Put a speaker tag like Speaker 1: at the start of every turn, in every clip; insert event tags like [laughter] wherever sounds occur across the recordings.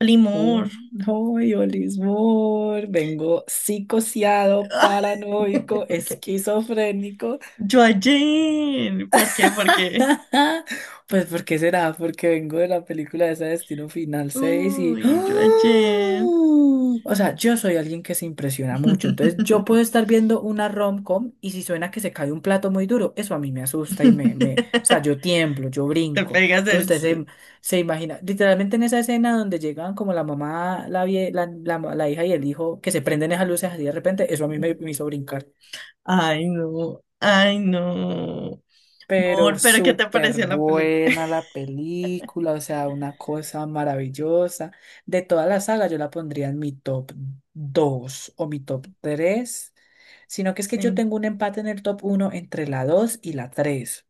Speaker 1: Limor.
Speaker 2: Oh, no, yo, Lismor, vengo psicoseado,
Speaker 1: [laughs]
Speaker 2: paranoico, esquizofrénico.
Speaker 1: Yo ayer. ¿Por qué? ¿Por qué?
Speaker 2: [laughs] Pues, ¿por qué será? Porque vengo de la película de ese Destino Final 6 y...
Speaker 1: Uy,
Speaker 2: ¡Ah!
Speaker 1: yo ayer.
Speaker 2: O sea, yo soy alguien que se impresiona mucho, entonces yo
Speaker 1: [laughs]
Speaker 2: puedo estar viendo una rom-com y si suena que se cae un plato muy duro, eso a mí me asusta y me... O sea, yo tiemblo, yo
Speaker 1: Te
Speaker 2: brinco.
Speaker 1: pegas
Speaker 2: Entonces
Speaker 1: el...
Speaker 2: usted
Speaker 1: se-
Speaker 2: se, se imagina, literalmente en esa escena donde llegan como la mamá, la, vie- la hija y el hijo, que se prenden esas luces así de repente, eso a mí me hizo brincar.
Speaker 1: Ay, no. Ay, no.
Speaker 2: Pero
Speaker 1: Amor, pero ¿qué te
Speaker 2: súper
Speaker 1: pareció la película?
Speaker 2: buena la película, o sea, una cosa maravillosa. De toda la saga yo la pondría en mi top 2 o mi top tres, sino que es que yo
Speaker 1: Sí.
Speaker 2: tengo un empate en el top uno entre la 2 y la tres.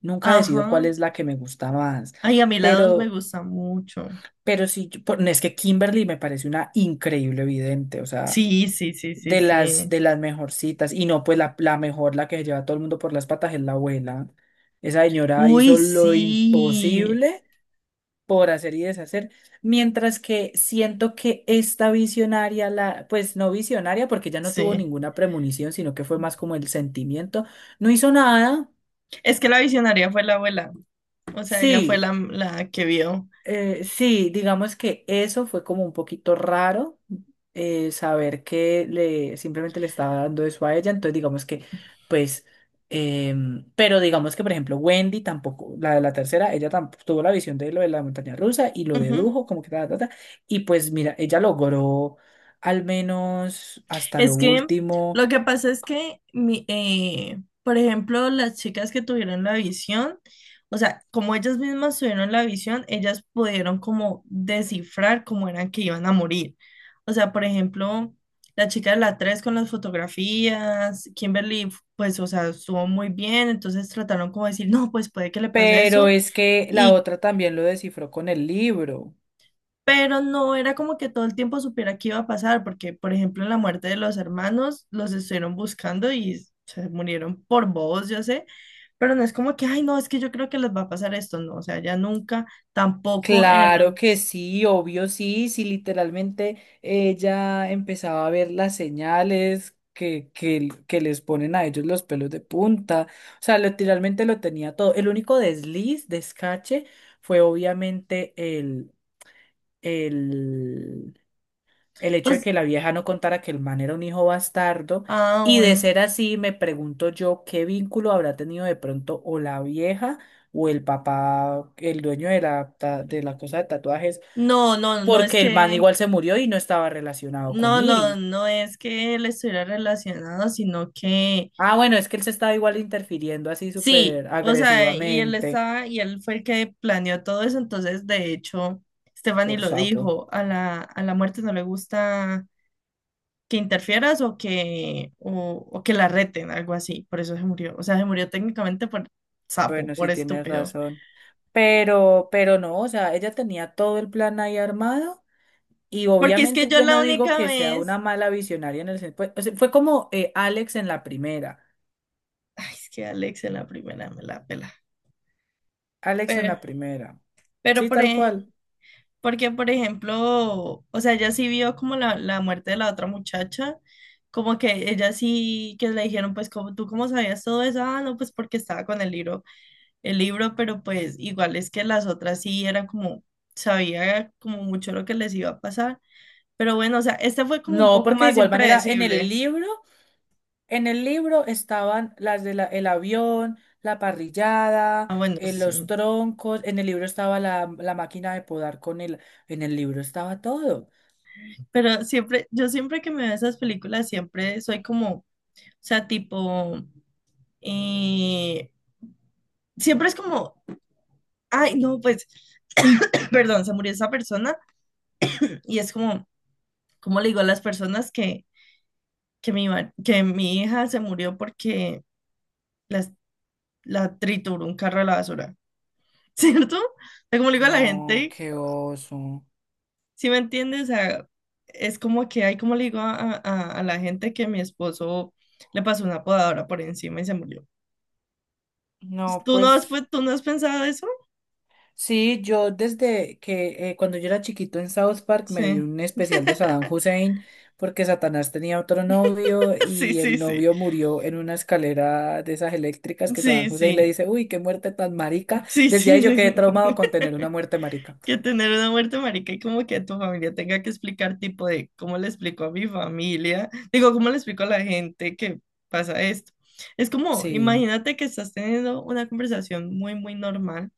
Speaker 2: Nunca decido cuál
Speaker 1: Ajá.
Speaker 2: es la que me gusta más,
Speaker 1: Ay, a mí la dos me
Speaker 2: pero,
Speaker 1: gusta mucho.
Speaker 2: pero sí, no, es que Kimberly me parece una increíble vidente, o sea,
Speaker 1: Sí, sí, sí, sí, sí.
Speaker 2: de las mejorcitas. Y no, pues la mejor, la que se lleva a todo el mundo por las patas es la abuela. Esa señora
Speaker 1: Uy,
Speaker 2: hizo lo
Speaker 1: sí.
Speaker 2: imposible por hacer y deshacer. Mientras que siento que esta visionaria, la, pues no visionaria, porque ya no tuvo
Speaker 1: Sí.
Speaker 2: ninguna premonición, sino que fue más como el sentimiento, no hizo nada.
Speaker 1: Es que la visionaria fue la abuela. O sea, ella fue
Speaker 2: Sí.
Speaker 1: la que vio.
Speaker 2: Sí, digamos que eso fue como un poquito raro, saber que le simplemente le estaba dando eso a ella. Entonces, digamos que,
Speaker 1: Ujú.
Speaker 2: pues, pero digamos que, por ejemplo, Wendy tampoco, la de la tercera, ella tampoco tuvo la visión de lo de la montaña rusa y lo dedujo, como que ta, ta, ta. Y pues, mira, ella logró al menos hasta lo
Speaker 1: Es que
Speaker 2: último,
Speaker 1: lo que pasa es que, por ejemplo, las chicas que tuvieron la visión, o sea, como ellas mismas tuvieron la visión, ellas pudieron como descifrar cómo eran que iban a morir. O sea, por ejemplo, la chica de la 3 con las fotografías, Kimberly, pues, o sea, estuvo muy bien, entonces trataron como de decir, no, pues puede que le pase
Speaker 2: pero
Speaker 1: eso.
Speaker 2: es que la
Speaker 1: Y
Speaker 2: otra también lo descifró con el libro.
Speaker 1: pero no era como que todo el tiempo supiera qué iba a pasar, porque, por ejemplo, en la muerte de los hermanos, los estuvieron buscando y se murieron por bobos, yo sé, pero no es como que, ay, no, es que yo creo que les va a pasar esto, no, o sea, ya nunca, tampoco en
Speaker 2: Claro que sí, obvio sí, sí, literalmente ella empezaba a ver las señales que les ponen a ellos los pelos de punta, o sea, literalmente lo tenía todo. El único desliz, descache, fue obviamente el, el hecho de
Speaker 1: los...
Speaker 2: que la vieja no contara que el man era un hijo bastardo,
Speaker 1: Ah,
Speaker 2: y de
Speaker 1: bueno.
Speaker 2: ser así, me pregunto yo qué vínculo habrá tenido de pronto o la vieja o el papá, el dueño de la, de la cosa de tatuajes,
Speaker 1: No es
Speaker 2: porque el man
Speaker 1: que,
Speaker 2: igual se murió y no estaba relacionado con
Speaker 1: no, no,
Speaker 2: Iris.
Speaker 1: no es que él estuviera relacionado, sino que
Speaker 2: Ah, bueno, es que él se estaba igual interfiriendo así
Speaker 1: sí,
Speaker 2: súper
Speaker 1: o sea, y él
Speaker 2: agresivamente
Speaker 1: estaba, y él fue el que planeó todo eso, entonces de hecho, Stephanie
Speaker 2: por
Speaker 1: lo
Speaker 2: sapo.
Speaker 1: dijo, a la muerte no le gusta que interfieras o que la reten, algo así, por eso se murió, o sea, se murió técnicamente por sapo,
Speaker 2: Bueno,
Speaker 1: por
Speaker 2: sí tienes
Speaker 1: estúpido,
Speaker 2: razón. Pero no, o sea, ella tenía todo el plan ahí armado y
Speaker 1: porque es que
Speaker 2: obviamente
Speaker 1: yo
Speaker 2: yo
Speaker 1: la
Speaker 2: no digo
Speaker 1: única
Speaker 2: que sea una
Speaker 1: vez,
Speaker 2: mala visionaria en el sentido, o sea, fue como Alex en la primera,
Speaker 1: ay, es que Alex en la primera me la pela,
Speaker 2: Alex en
Speaker 1: pero,
Speaker 2: la primera.
Speaker 1: pero
Speaker 2: Sí,
Speaker 1: por,
Speaker 2: tal cual.
Speaker 1: porque, por ejemplo, o sea, ella sí vio como la muerte de la otra muchacha, como que ella sí, que le dijeron, pues, como tú cómo sabías todo eso, ah, no, pues porque estaba con el libro, pero pues igual es que las otras sí eran como, sabía como mucho lo que les iba a pasar, pero bueno, o sea, este fue como un
Speaker 2: No,
Speaker 1: poco
Speaker 2: porque de
Speaker 1: más
Speaker 2: igual manera en el
Speaker 1: impredecible.
Speaker 2: libro. En el libro estaban las el avión, la parrillada,
Speaker 1: Ah, bueno,
Speaker 2: los
Speaker 1: sí,
Speaker 2: troncos, en el libro estaba la máquina de podar con el, en el libro estaba todo.
Speaker 1: pero siempre, yo siempre que me veo esas películas, siempre soy como, o sea, tipo, eh, siempre es como... Ay, no, pues [coughs] perdón, se murió esa persona y es como, ¿cómo le digo a las personas que, que mi hija se murió porque las- la trituró un carro a la basura? [laughs] ¿Cierto? O sea, ¿cómo le digo a la
Speaker 2: No,
Speaker 1: gente?
Speaker 2: qué oso.
Speaker 1: ¿Sí me entiendes? O sea, es como que hay, como le digo a, a la gente que mi esposo le pasó una podadora por encima y se murió?
Speaker 2: No,
Speaker 1: ¿Tú no has,
Speaker 2: pues
Speaker 1: tú no has pensado eso?
Speaker 2: sí, yo desde que cuando yo era chiquito en South Park me vi
Speaker 1: Sí,
Speaker 2: un especial de Saddam Hussein porque Satanás tenía otro novio
Speaker 1: [laughs] sí,
Speaker 2: y
Speaker 1: sí,
Speaker 2: el
Speaker 1: sí,
Speaker 2: novio murió en una escalera de esas eléctricas, que Saddam
Speaker 1: sí,
Speaker 2: Hussein le
Speaker 1: sí,
Speaker 2: dice, uy, qué muerte tan marica.
Speaker 1: sí,
Speaker 2: Desde
Speaker 1: sí,
Speaker 2: ahí yo quedé
Speaker 1: sí.
Speaker 2: traumado con tener una muerte marica.
Speaker 1: Que tener una muerte, marica, y como que tu familia tenga que explicar, tipo de cómo le explico a mi familia, digo, cómo le explico a la gente que pasa esto. Es como,
Speaker 2: Sí.
Speaker 1: imagínate que estás teniendo una conversación muy, muy normal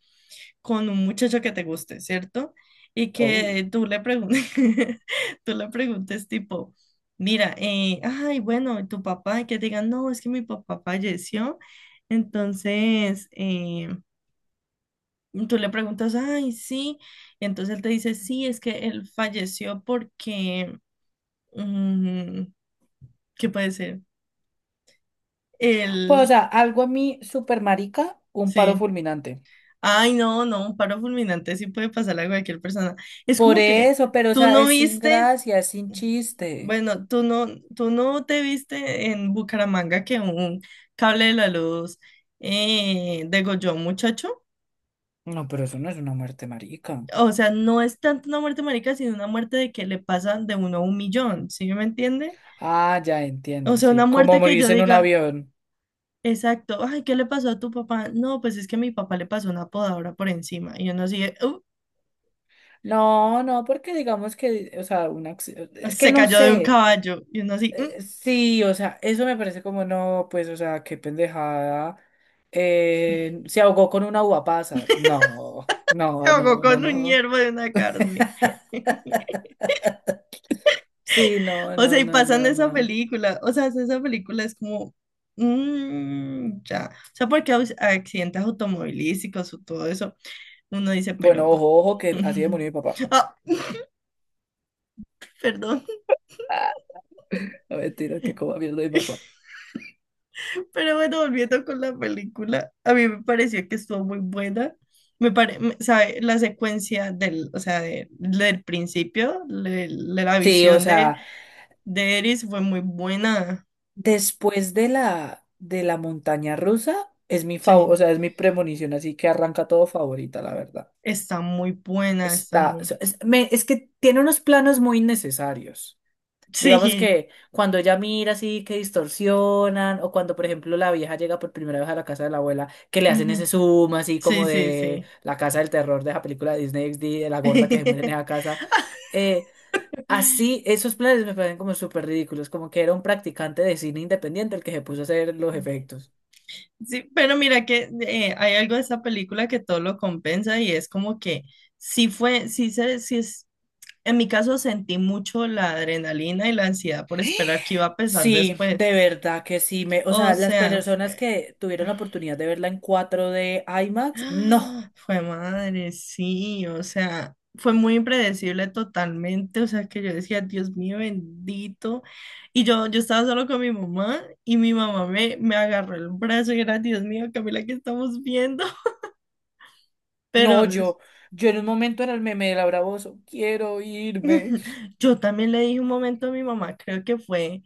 Speaker 1: con un muchacho que te guste, ¿cierto? Y
Speaker 2: Oh.
Speaker 1: que tú le preguntes, [laughs] tú le preguntes tipo, mira, ay, bueno, ¿y tu papá? Y que te digan, no, es que mi papá falleció, entonces, y tú le preguntas, ay, sí. Y entonces él te dice, sí, es que él falleció porque, mm, ¿qué puede ser?
Speaker 2: Pues, o
Speaker 1: Él,
Speaker 2: sea, algo a mí super marica, un paro
Speaker 1: sí.
Speaker 2: fulminante.
Speaker 1: Ay, no, no, un paro fulminante sí puede pasar a cualquier persona. Es
Speaker 2: Por
Speaker 1: como que
Speaker 2: eso, pero o
Speaker 1: tú
Speaker 2: sea,
Speaker 1: no
Speaker 2: es sin
Speaker 1: viste,
Speaker 2: gracia, es sin chiste.
Speaker 1: bueno, tú no te viste en Bucaramanga que un cable de la luz degolló a un muchacho.
Speaker 2: No, pero eso no es una muerte marica.
Speaker 1: O sea, no es tanto una muerte marica, sino una muerte de que le pasan de uno a un millón, ¿sí me entiende?
Speaker 2: Ah, ya
Speaker 1: O
Speaker 2: entiendo,
Speaker 1: sea, una
Speaker 2: sí. Como
Speaker 1: muerte que yo
Speaker 2: morirse en un
Speaker 1: diga,
Speaker 2: avión.
Speaker 1: exacto, ay, ¿qué le pasó a tu papá? No, pues es que a mi papá le pasó una podadora por encima. Y uno así, de,
Speaker 2: No, no, porque digamos que, o sea, es que
Speaker 1: se
Speaker 2: no
Speaker 1: cayó de un
Speaker 2: sé.
Speaker 1: caballo. Y uno así, "Mm,
Speaker 2: Sí, o sea, eso me parece como no, pues, o sea, qué pendejada. Se ahogó con una uva pasa. No,
Speaker 1: se
Speaker 2: no,
Speaker 1: ahogó
Speaker 2: no, no,
Speaker 1: con un
Speaker 2: no.
Speaker 1: hierbo de una carne. [laughs]
Speaker 2: Sí, no,
Speaker 1: O sea,
Speaker 2: no,
Speaker 1: y
Speaker 2: no,
Speaker 1: pasan
Speaker 2: no,
Speaker 1: esa
Speaker 2: no.
Speaker 1: película. O sea, esa película es como, "Mm, ya. O sea, porque accidentes automovilísticos o todo eso, uno dice, pero...
Speaker 2: Bueno, ojo, ojo, que así de murió
Speaker 1: [laughs]
Speaker 2: mi papá.
Speaker 1: Ah, perdón.
Speaker 2: Ah, [laughs] no, mentira, que como mierda mi papá.
Speaker 1: Pero bueno, volviendo con la película, a mí me pareció que estuvo muy buena. Sabe, la secuencia del, o sea, del principio, la
Speaker 2: Sí, o
Speaker 1: visión
Speaker 2: sea.
Speaker 1: de Eris fue muy buena.
Speaker 2: Después de de la montaña rusa, es mi favor, o
Speaker 1: Sí,
Speaker 2: sea, es mi premonición, así que arranca todo favorita, la verdad.
Speaker 1: está muy buena, está
Speaker 2: Está, o
Speaker 1: muy...
Speaker 2: sea, es que tiene unos planos muy innecesarios. Digamos
Speaker 1: Sí,
Speaker 2: que cuando ella mira así que distorsionan, o cuando, por ejemplo, la vieja llega por primera vez a la casa de la abuela, que le hacen
Speaker 1: ujú.
Speaker 2: ese zoom así
Speaker 1: Sí,
Speaker 2: como
Speaker 1: sí,
Speaker 2: de
Speaker 1: sí.
Speaker 2: la casa del terror de la película de Disney XD, de la gorda que se muere en esa
Speaker 1: [laughs]
Speaker 2: casa. eh, Así, esos planes me parecen como súper ridículos, como que era un practicante de cine independiente el que se puso a hacer los efectos.
Speaker 1: Sí, pero mira que hay algo de esa película que todo lo compensa y es como que sí fue, sí se, sí. En mi caso sentí mucho la adrenalina y la ansiedad por esperar que iba a pesar
Speaker 2: Sí,
Speaker 1: después.
Speaker 2: de verdad que sí. O
Speaker 1: O
Speaker 2: sea, las
Speaker 1: sea,
Speaker 2: personas
Speaker 1: fue...
Speaker 2: que tuvieron la
Speaker 1: [gasps]
Speaker 2: oportunidad de verla en cuatro d IMAX, no,
Speaker 1: Fue madre, sí, o sea, fue muy impredecible totalmente, o sea, que yo decía, Dios mío bendito, y yo, estaba solo con mi mamá y mi mamá me agarró el brazo y era, Dios mío, Camila, ¿qué estamos viendo? [laughs]
Speaker 2: no,
Speaker 1: Pero es-
Speaker 2: yo en un momento era el meme de Laura Bozzo, quiero irme.
Speaker 1: yo también le dije un momento a mi mamá, creo que fue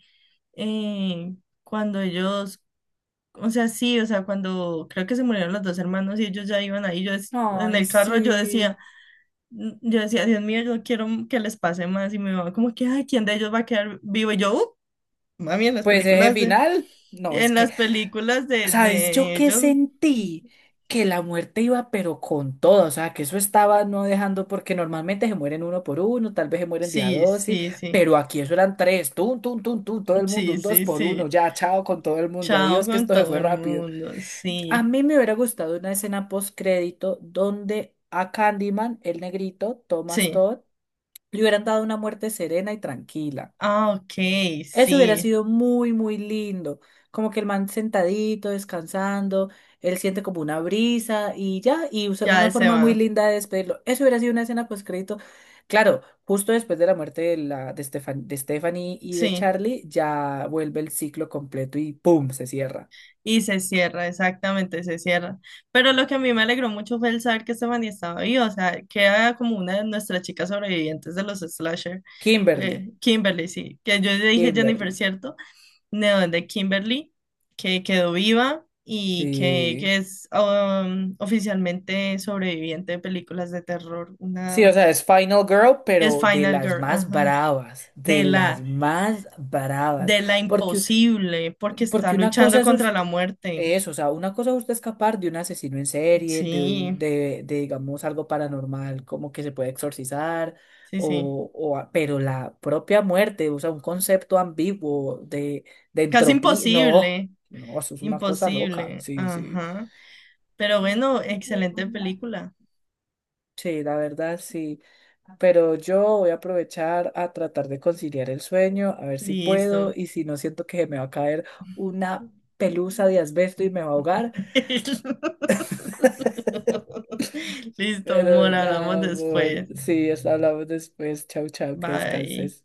Speaker 1: eh, cuando ellos O sea, sí, o sea, cuando creo que se murieron los dos hermanos y ellos ya iban ahí, yo dec- en
Speaker 2: Ay,
Speaker 1: el carro yo
Speaker 2: sí.
Speaker 1: decía, n- yo decía, Dios mío, yo quiero que les pase más y me mamá como que, ay, ¿quién de ellos va a quedar vivo? Y yo, mami, en las
Speaker 2: Pues ese
Speaker 1: películas de,
Speaker 2: final, no, es
Speaker 1: en
Speaker 2: que...
Speaker 1: las películas
Speaker 2: ¿Sabes yo
Speaker 1: de
Speaker 2: qué
Speaker 1: ellos,
Speaker 2: sentí? Que la muerte iba pero con todo, o sea, que eso estaba no dejando, porque normalmente se mueren uno por uno, tal vez se mueren día
Speaker 1: sí,
Speaker 2: dos, sí,
Speaker 1: sí, sí,
Speaker 2: pero aquí eso eran tres, tum, tum, tum, tum, todo el mundo,
Speaker 1: sí,
Speaker 2: un dos
Speaker 1: sí,
Speaker 2: por uno,
Speaker 1: sí,
Speaker 2: ya, chao con todo el mundo,
Speaker 1: chao
Speaker 2: adiós, que
Speaker 1: con
Speaker 2: esto se
Speaker 1: todo
Speaker 2: fue
Speaker 1: el
Speaker 2: rápido.
Speaker 1: mundo,
Speaker 2: A
Speaker 1: sí,
Speaker 2: mí me hubiera gustado una escena postcrédito donde a Candyman, el negrito, Thomas
Speaker 1: sí,
Speaker 2: Todd, le hubieran dado una muerte serena y tranquila.
Speaker 1: ah, ok,
Speaker 2: Eso hubiera
Speaker 1: sí,
Speaker 2: sido muy, muy lindo. Como que el man sentadito, descansando, él siente como una brisa y ya,
Speaker 1: ya
Speaker 2: una
Speaker 1: él se
Speaker 2: forma muy
Speaker 1: va,
Speaker 2: linda de despedirlo. Eso hubiera sido una escena pues crédito. Claro, justo después de la muerte de, la, de, de Stephanie y de
Speaker 1: sí.
Speaker 2: Charlie, ya vuelve el ciclo completo y ¡pum! Se cierra.
Speaker 1: Y se cierra, exactamente, se cierra. Pero lo que a mí me alegró mucho fue el saber que Stephanie estaba viva, o sea, que era como una de nuestras chicas sobrevivientes de los slasher,
Speaker 2: Kimberly,
Speaker 1: Kimberly, sí, que yo le dije Jennifer,
Speaker 2: Kimberly.
Speaker 1: ¿cierto? No, de Kimberly, que quedó viva y
Speaker 2: Sí.
Speaker 1: que es oficialmente sobreviviente de películas de terror, una
Speaker 2: Sí, o sea,
Speaker 1: otra.
Speaker 2: es Final Girl,
Speaker 1: Es
Speaker 2: pero de
Speaker 1: Final
Speaker 2: las
Speaker 1: Girl,
Speaker 2: más
Speaker 1: ajá,
Speaker 2: bravas, de
Speaker 1: de
Speaker 2: las
Speaker 1: la,
Speaker 2: más bravas.
Speaker 1: de la
Speaker 2: Porque
Speaker 1: imposible, porque está
Speaker 2: porque una cosa
Speaker 1: luchando
Speaker 2: es
Speaker 1: contra
Speaker 2: us-
Speaker 1: la muerte,
Speaker 2: eso, o sea, una cosa es usted escapar de un asesino en serie,
Speaker 1: sí.
Speaker 2: de, digamos, algo paranormal, como que se puede exorcizar,
Speaker 1: Sí, sí.
Speaker 2: pero la propia muerte, o sea, un concepto ambiguo de
Speaker 1: Casi
Speaker 2: entropía, no,
Speaker 1: imposible,
Speaker 2: no, eso es una cosa loca,
Speaker 1: imposible.
Speaker 2: sí, sí,
Speaker 1: Ajá. Pero bueno, excelente película.
Speaker 2: sí, la verdad, sí, pero yo voy a aprovechar a tratar de conciliar el sueño, a ver si
Speaker 1: Listo.
Speaker 2: puedo, y si no siento que me va a caer una pelusa de asbesto y me va a ahogar.
Speaker 1: [laughs]
Speaker 2: [laughs]
Speaker 1: Listo, amor,
Speaker 2: Pero
Speaker 1: hablamos
Speaker 2: nada, amor.
Speaker 1: después.
Speaker 2: Sí, eso hablamos después. Chau, chau, que
Speaker 1: Bye.
Speaker 2: descanses.